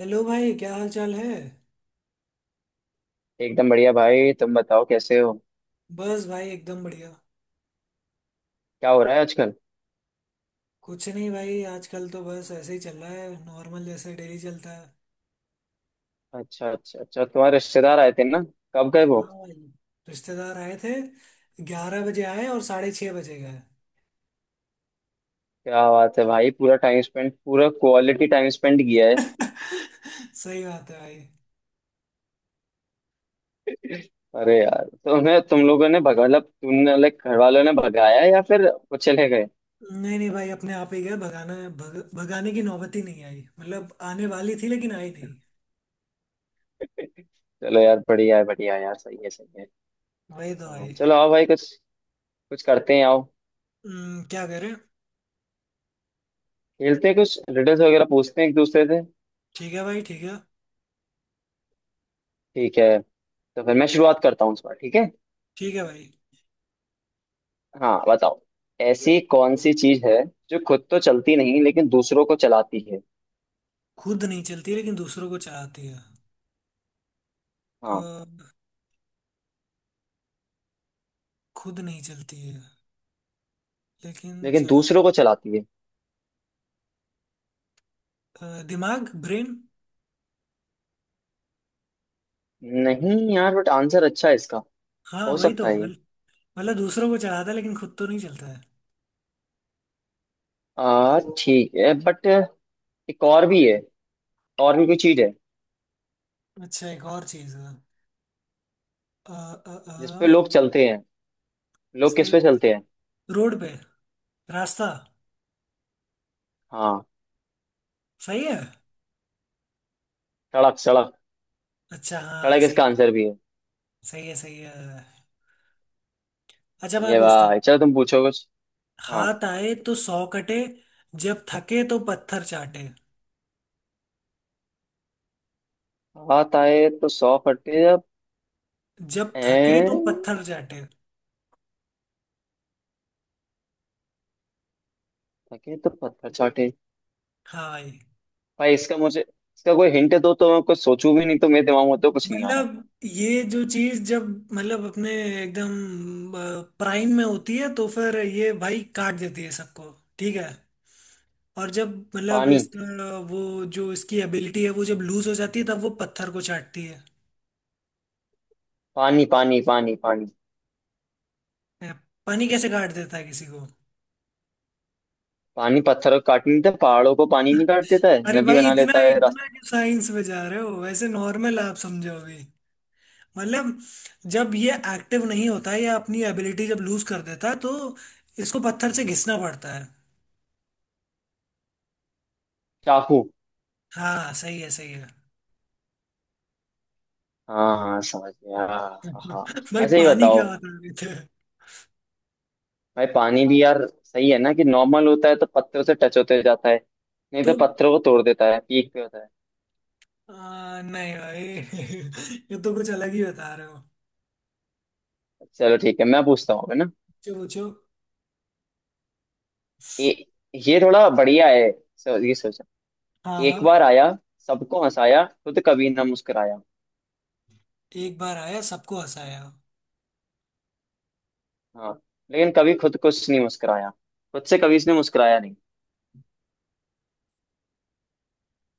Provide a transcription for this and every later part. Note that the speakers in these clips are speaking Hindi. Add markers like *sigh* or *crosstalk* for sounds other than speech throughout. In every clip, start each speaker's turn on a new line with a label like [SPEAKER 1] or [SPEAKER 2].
[SPEAKER 1] हेलो भाई, क्या हाल चाल है।
[SPEAKER 2] एकदम बढ़िया भाई। तुम बताओ कैसे हो?
[SPEAKER 1] बस भाई एकदम बढ़िया।
[SPEAKER 2] क्या हो रहा है आजकल?
[SPEAKER 1] कुछ नहीं भाई, आजकल तो बस ऐसे ही चल रहा है, नॉर्मल जैसे डेली चलता है।
[SPEAKER 2] अच्छा अच्छा अच्छा, तुम्हारे रिश्तेदार आए थे ना? कब गए वो?
[SPEAKER 1] हाँ भाई, रिश्तेदार आए थे। 11 बजे आए और 6:30 बजे गए।
[SPEAKER 2] क्या बात है भाई, पूरा टाइम स्पेंड, पूरा क्वालिटी टाइम स्पेंड किया है।
[SPEAKER 1] *laughs* सही बात है भाई।
[SPEAKER 2] अरे यार, तुम्हें तुम लोगों ने भगा मतलब तुमने लाइक घर वालों ने भगाया या फिर वो चले गए?
[SPEAKER 1] नहीं नहीं भाई, अपने आप ही गए। भगाना भगाने की नौबत ही नहीं आई। मतलब आने वाली थी लेकिन आई नहीं।
[SPEAKER 2] चलो यार, बढ़िया है यार, सही है सही है।
[SPEAKER 1] वही तो
[SPEAKER 2] हाँ
[SPEAKER 1] भाई।
[SPEAKER 2] चलो आओ भाई, कुछ कुछ करते हैं, आओ।
[SPEAKER 1] क्या करें।
[SPEAKER 2] खेलते हैं कुछ, रिडल्स वगैरह पूछते हैं एक दूसरे से।
[SPEAKER 1] ठीक है भाई, ठीक है।
[SPEAKER 2] ठीक है, तो फिर मैं शुरुआत करता हूँ इस बार, ठीक है।
[SPEAKER 1] ठीक है भाई।
[SPEAKER 2] हाँ बताओ। ऐसी कौन सी चीज है जो खुद तो चलती नहीं लेकिन दूसरों को चलाती है।
[SPEAKER 1] खुद नहीं चलती लेकिन दूसरों को चाहती है।
[SPEAKER 2] हाँ,
[SPEAKER 1] और खुद नहीं चलती है लेकिन
[SPEAKER 2] लेकिन
[SPEAKER 1] चला।
[SPEAKER 2] दूसरों को चलाती है।
[SPEAKER 1] दिमाग, ब्रेन।
[SPEAKER 2] नहीं यार, बट आंसर अच्छा है इसका।
[SPEAKER 1] हाँ
[SPEAKER 2] हो
[SPEAKER 1] वही तो
[SPEAKER 2] सकता है ये।
[SPEAKER 1] मतलब दूसरों को चलाता है लेकिन खुद तो नहीं चलता है।
[SPEAKER 2] आ ठीक है बट एक और भी है, और भी कोई चीज है
[SPEAKER 1] अच्छा एक और चीज है। अ, अ, अ,
[SPEAKER 2] जिसपे लोग चलते हैं।
[SPEAKER 1] इस
[SPEAKER 2] लोग किस
[SPEAKER 1] पे,
[SPEAKER 2] पे चलते हैं?
[SPEAKER 1] रोड पे, रास्ता।
[SPEAKER 2] हाँ,
[SPEAKER 1] सही है।
[SPEAKER 2] सड़क सड़क,
[SPEAKER 1] अच्छा हाँ
[SPEAKER 2] सड़क
[SPEAKER 1] सही।
[SPEAKER 2] इसका आंसर भी है।
[SPEAKER 1] सही है, सही है। अच्छा मैं
[SPEAKER 2] ये
[SPEAKER 1] पूछता हूँ।
[SPEAKER 2] भाई चलो तुम पूछो कुछ। हाँ,
[SPEAKER 1] हाथ आए तो 100 कटे, जब थके तो पत्थर चाटे।
[SPEAKER 2] हाथ आए तो सौ फटे, जब
[SPEAKER 1] जब थके
[SPEAKER 2] हैं
[SPEAKER 1] तो पत्थर चाटे।
[SPEAKER 2] थके तो पत्थर चाटे।
[SPEAKER 1] हाँ भाई।
[SPEAKER 2] भाई इसका, मुझे इसका कोई हिंट दो तो मैं कुछ सोचूं, भी नहीं तो मेरे दिमाग में तो कुछ नहीं आ रहा।
[SPEAKER 1] मतलब ये जो चीज जब, मतलब अपने एकदम प्राइम में होती है तो फिर ये भाई काट देती है सबको। ठीक है। और जब मतलब
[SPEAKER 2] पानी
[SPEAKER 1] इसका वो, जो इसकी एबिलिटी है वो जब लूज हो जाती है तब वो पत्थर को चाटती है।
[SPEAKER 2] पानी पानी पानी। पानी
[SPEAKER 1] ए, पानी कैसे काट देता है किसी को।
[SPEAKER 2] पानी पत्थरों को काट नहीं देता, पहाड़ों को पानी नहीं काट देता है,
[SPEAKER 1] अरे
[SPEAKER 2] नदी
[SPEAKER 1] भाई
[SPEAKER 2] बना
[SPEAKER 1] इतना
[SPEAKER 2] लेता है रास्ता।
[SPEAKER 1] इतना क्यों साइंस में जा रहे हो, वैसे नॉर्मल आप समझो अभी। मतलब जब ये एक्टिव नहीं होता है या अपनी एबिलिटी जब लूज कर देता है तो इसको पत्थर से घिसना पड़ता है।
[SPEAKER 2] चाकू।
[SPEAKER 1] हाँ सही है, सही है।
[SPEAKER 2] हाँ हाँ समझ गया, हाँ हाँ हाँ।
[SPEAKER 1] भाई
[SPEAKER 2] अच्छा ये
[SPEAKER 1] पानी
[SPEAKER 2] बताओ,
[SPEAKER 1] क्या बता रहे थे।
[SPEAKER 2] भाई पानी भी यार सही है ना, कि नॉर्मल होता है तो पत्थरों से टच होते जाता है, नहीं
[SPEAKER 1] तो
[SPEAKER 2] तो पत्थरों को तोड़ देता है, पीक पे होता है।
[SPEAKER 1] नहीं भाई, *laughs* ये तो कुछ अलग ही बता रहे हो।
[SPEAKER 2] चलो ठीक है, मैं पूछता हूँ अब, है ना।
[SPEAKER 1] पूछो पूछो।
[SPEAKER 2] ये ये थोड़ा बढ़िया है। ये सोचा।
[SPEAKER 1] हाँ
[SPEAKER 2] एक
[SPEAKER 1] हाँ।
[SPEAKER 2] बार आया, सबको हंसाया, खुद कभी ना मुस्कुराया।
[SPEAKER 1] एक बार आया, सबको हंसाया।
[SPEAKER 2] हाँ, लेकिन कभी खुद को उसने नहीं मुस्कुराया, खुद से कभी इसने मुस्कुराया नहीं।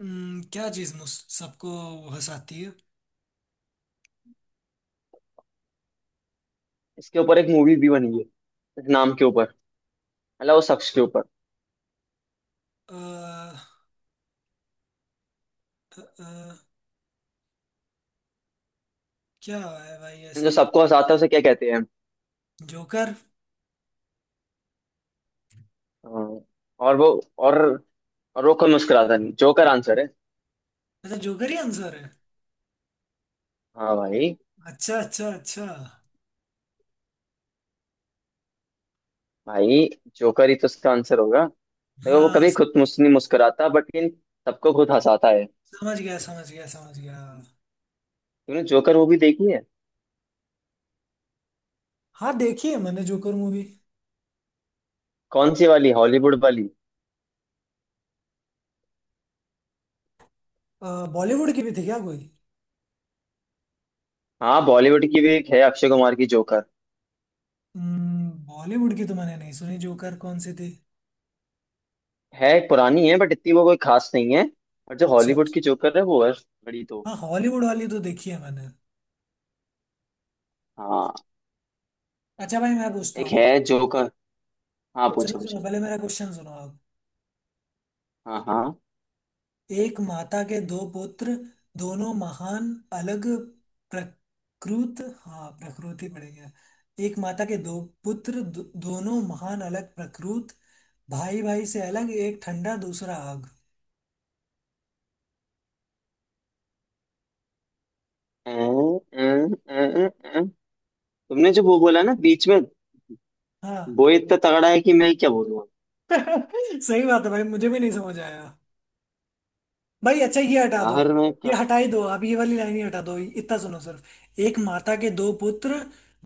[SPEAKER 1] क्या चीज मुझ सबको हंसाती है।
[SPEAKER 2] इसके ऊपर एक मूवी भी बनी है, इस नाम के ऊपर, मतलब उस शख्स के ऊपर।
[SPEAKER 1] आ, क्या है भाई ऐसा।
[SPEAKER 2] जो सबको हंसाता है उसे क्या कहते हैं?
[SPEAKER 1] जोकर।
[SPEAKER 2] हाँ, और वो, और और वो कोई मुस्कुराता नहीं, जोकर आंसर है।
[SPEAKER 1] अच्छा जोकर ही आंसर है।
[SPEAKER 2] हाँ भाई,
[SPEAKER 1] अच्छा अच्छा अच्छा।
[SPEAKER 2] भाई जोकर ही तो उसका आंसर होगा। देखो वो
[SPEAKER 1] हाँ
[SPEAKER 2] कभी खुद मुझ नहीं मुस्कुराता, बट लेकिन सबको खुद हंसाता है।
[SPEAKER 1] समझ गया, समझ गया, समझ गया।
[SPEAKER 2] तूने जोकर वो भी देखी है?
[SPEAKER 1] हाँ देखी है मैंने जोकर मूवी।
[SPEAKER 2] कौन सी वाली, हॉलीवुड वाली?
[SPEAKER 1] बॉलीवुड की भी थी क्या कोई।
[SPEAKER 2] हाँ, बॉलीवुड की भी एक है, अक्षय कुमार की जोकर
[SPEAKER 1] बॉलीवुड की तो मैंने नहीं सुनी, जोकर कौन सी थी।
[SPEAKER 2] है, पुरानी है, बट इतनी वो कोई खास नहीं है। और जो
[SPEAKER 1] अच्छा
[SPEAKER 2] हॉलीवुड
[SPEAKER 1] अच्छा।
[SPEAKER 2] की जोकर है वो है बड़ी तो।
[SPEAKER 1] हाँ हॉलीवुड वाली तो देखी है मैंने।
[SPEAKER 2] हाँ,
[SPEAKER 1] अच्छा भाई मैं पूछता
[SPEAKER 2] एक
[SPEAKER 1] हूँ।
[SPEAKER 2] है जोकर। हाँ
[SPEAKER 1] सुनो
[SPEAKER 2] पूछो
[SPEAKER 1] सुनो,
[SPEAKER 2] पूछो।
[SPEAKER 1] पहले मेरा क्वेश्चन सुनो आप।
[SPEAKER 2] हाँ हाँ,
[SPEAKER 1] एक माता के 2 पुत्र, दोनों महान, अलग प्रकृत, हाँ प्रकृति पड़ेगा। एक माता के दो पुत्र, दोनों महान, अलग प्रकृत, भाई भाई से अलग, एक ठंडा दूसरा आग।
[SPEAKER 2] अं, अं, अं, अं, अं। तुमने जो वो बोला ना बीच में,
[SPEAKER 1] हाँ।
[SPEAKER 2] वो इतना तगड़ा है कि मैं क्या बोलूँगा।
[SPEAKER 1] *laughs* सही बात है भाई, मुझे भी नहीं समझ आया। भाई अच्छा ये हटा दो।
[SPEAKER 2] यार मैं
[SPEAKER 1] ये
[SPEAKER 2] क्या।
[SPEAKER 1] हटा ही दो, अब ये वाली लाइन ही हटा दो, इतना सुनो सिर्फ। एक माता के दो पुत्र,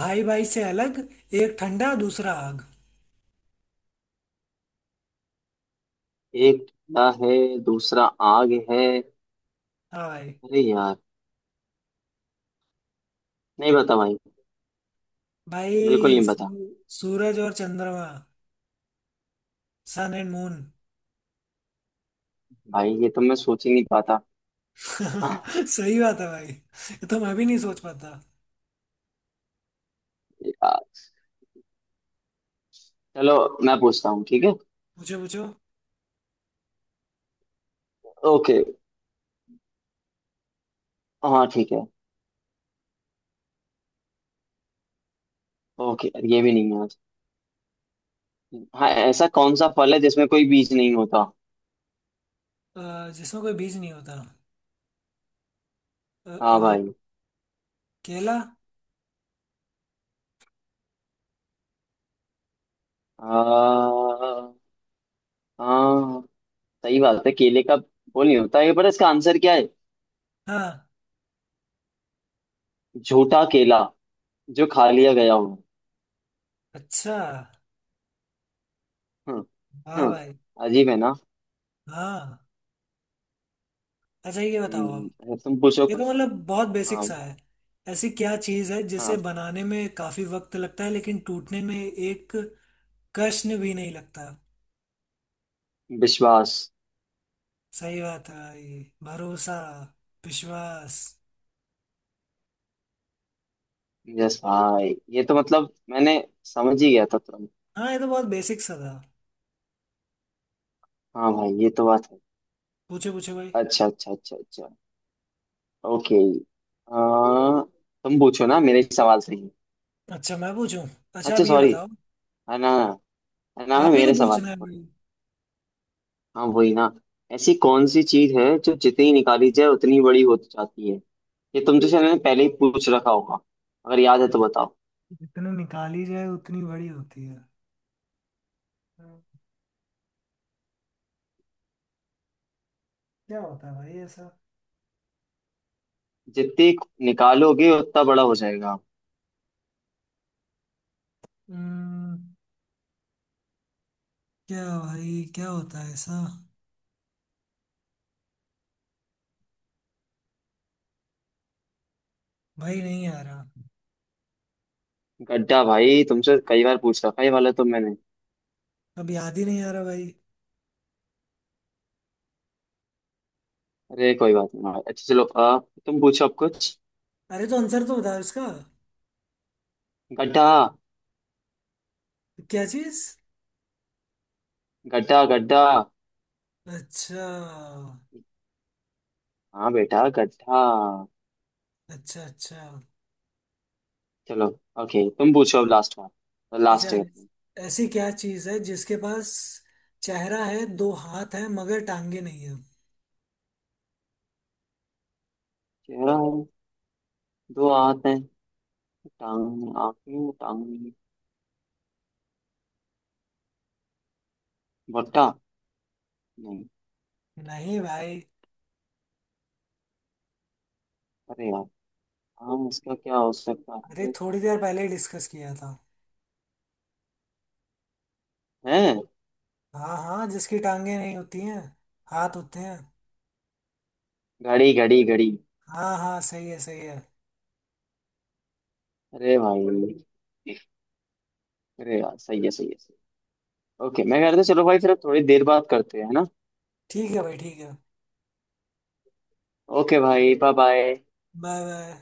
[SPEAKER 1] भाई भाई से अलग, एक ठंडा दूसरा आग।
[SPEAKER 2] एक ठंडा है, दूसरा आग है।
[SPEAKER 1] हाँ भाई।
[SPEAKER 2] अरे यार नहीं बता भाई, बिल्कुल
[SPEAKER 1] भाई
[SPEAKER 2] नहीं बता।
[SPEAKER 1] सू- सूरज और चंद्रमा, सन एंड मून।
[SPEAKER 2] भाई ये तो मैं सोच ही नहीं पाता। आह,
[SPEAKER 1] *laughs* सही बात है भाई, ये तो मैं भी नहीं सोच पाता।
[SPEAKER 2] यार। चलो मैं पूछता हूँ, ठीक है।
[SPEAKER 1] पूछो पूछो।
[SPEAKER 2] ओके। हाँ ठीक है। ओके ये भी नहीं है। हाँ, ऐसा कौन सा फल है जिसमें कोई बीज नहीं होता?
[SPEAKER 1] जिसमें कोई बीज नहीं होता। अ,
[SPEAKER 2] हाँ
[SPEAKER 1] अ,
[SPEAKER 2] भाई।
[SPEAKER 1] केला।
[SPEAKER 2] हाँ हाँ सही बात है, केले का वो नहीं होता है, पर इसका आंसर क्या है,
[SPEAKER 1] हाँ।
[SPEAKER 2] झूठा केला, जो खा लिया गया हो।
[SPEAKER 1] अच्छा।
[SPEAKER 2] हम्म।
[SPEAKER 1] हाँ भाई।
[SPEAKER 2] हम्म, अजीब है ना।
[SPEAKER 1] हाँ। अच्छा ये बताओ
[SPEAKER 2] हम्म,
[SPEAKER 1] आप।
[SPEAKER 2] अगर तुम पूछो
[SPEAKER 1] देखो
[SPEAKER 2] कुछ।
[SPEAKER 1] मतलब बहुत बेसिक
[SPEAKER 2] हाँ।
[SPEAKER 1] सा है। ऐसी क्या चीज़ है
[SPEAKER 2] हाँ,
[SPEAKER 1] जिसे बनाने में काफी वक्त लगता है लेकिन टूटने में एक कष्ण भी नहीं लगता।
[SPEAKER 2] विश्वास।
[SPEAKER 1] सही बात है भाई, भरोसा, विश्वास।
[SPEAKER 2] यस भाई, ये तो मतलब मैंने समझ ही गया था तुरंत।
[SPEAKER 1] हाँ ये तो बहुत बेसिक सा था।
[SPEAKER 2] हाँ भाई ये तो बात है।
[SPEAKER 1] पूछो पूछो भाई।
[SPEAKER 2] अच्छा अच्छा अच्छा अच्छा, ओके। आ, तुम पूछो ना मेरे सवाल से ही।
[SPEAKER 1] अच्छा मैं पूछूं। अच्छा आप
[SPEAKER 2] अच्छा
[SPEAKER 1] ये
[SPEAKER 2] सॉरी,
[SPEAKER 1] बताओ।
[SPEAKER 2] है ना, ना ना
[SPEAKER 1] आप ही को
[SPEAKER 2] मेरे सवाल
[SPEAKER 1] पूछना है
[SPEAKER 2] है।
[SPEAKER 1] भाई।
[SPEAKER 2] हाँ वही ना, ऐसी कौन सी चीज है जो जितनी निकाली जाए उतनी बड़ी होती जाती है। ये तुमसे शायद मैंने पहले ही पूछ रखा होगा, अगर याद है तो बताओ।
[SPEAKER 1] जितने निकाली जाए उतनी बड़ी होती है। हम्म, क्या होता है भाई ऐसा।
[SPEAKER 2] जितनी निकालोगे उतना बड़ा हो जाएगा।
[SPEAKER 1] हम्म, क्या भाई, क्या होता है ऐसा। भाई नहीं आ रहा।
[SPEAKER 2] गड्ढा, भाई तुमसे कई बार पूछ रखा है ये वाला तो मैंने।
[SPEAKER 1] अब याद ही नहीं आ रहा भाई।
[SPEAKER 2] अरे कोई बात नहीं भाई, अच्छा चलो, तुम पूछो अब कुछ।
[SPEAKER 1] अरे तो आंसर तो बताओ इसका।
[SPEAKER 2] गड्ढा,
[SPEAKER 1] क्या चीज।
[SPEAKER 2] गड्ढा गड्ढा।
[SPEAKER 1] अच्छा
[SPEAKER 2] हाँ बेटा, गड्ढा।
[SPEAKER 1] अच्छा अच्छा
[SPEAKER 2] चलो ओके, तुम पूछो अब, लास्ट बार,
[SPEAKER 1] अच्छा।
[SPEAKER 2] लास्ट है अपनी।
[SPEAKER 1] ऐसी क्या चीज है जिसके पास चेहरा है, 2 हाथ है, मगर टांगे नहीं है।
[SPEAKER 2] क्या? दो हाथ हैं? टांग, आंखें, टांग, भुट्टा? नहीं।
[SPEAKER 1] नहीं भाई।
[SPEAKER 2] अरे यार हम, इसका क्या हो सकता
[SPEAKER 1] अरे
[SPEAKER 2] है?
[SPEAKER 1] थोड़ी देर पहले ही डिस्कस किया था।
[SPEAKER 2] हैं,
[SPEAKER 1] हाँ हाँ, जिसकी टांगे नहीं होती हैं, हाथ होते हैं।
[SPEAKER 2] घड़ी घड़ी घड़ी।
[SPEAKER 1] हाँ हाँ सही है, सही है।
[SPEAKER 2] अरे भाई, अरे यार सही है सही है सही है। ओके मैं कहता चलो भाई, फिर अब थोड़ी देर बात करते हैं, है ना।
[SPEAKER 1] ठीक है भाई, ठीक है।
[SPEAKER 2] ओके भाई बाय बाय।
[SPEAKER 1] Bye bye.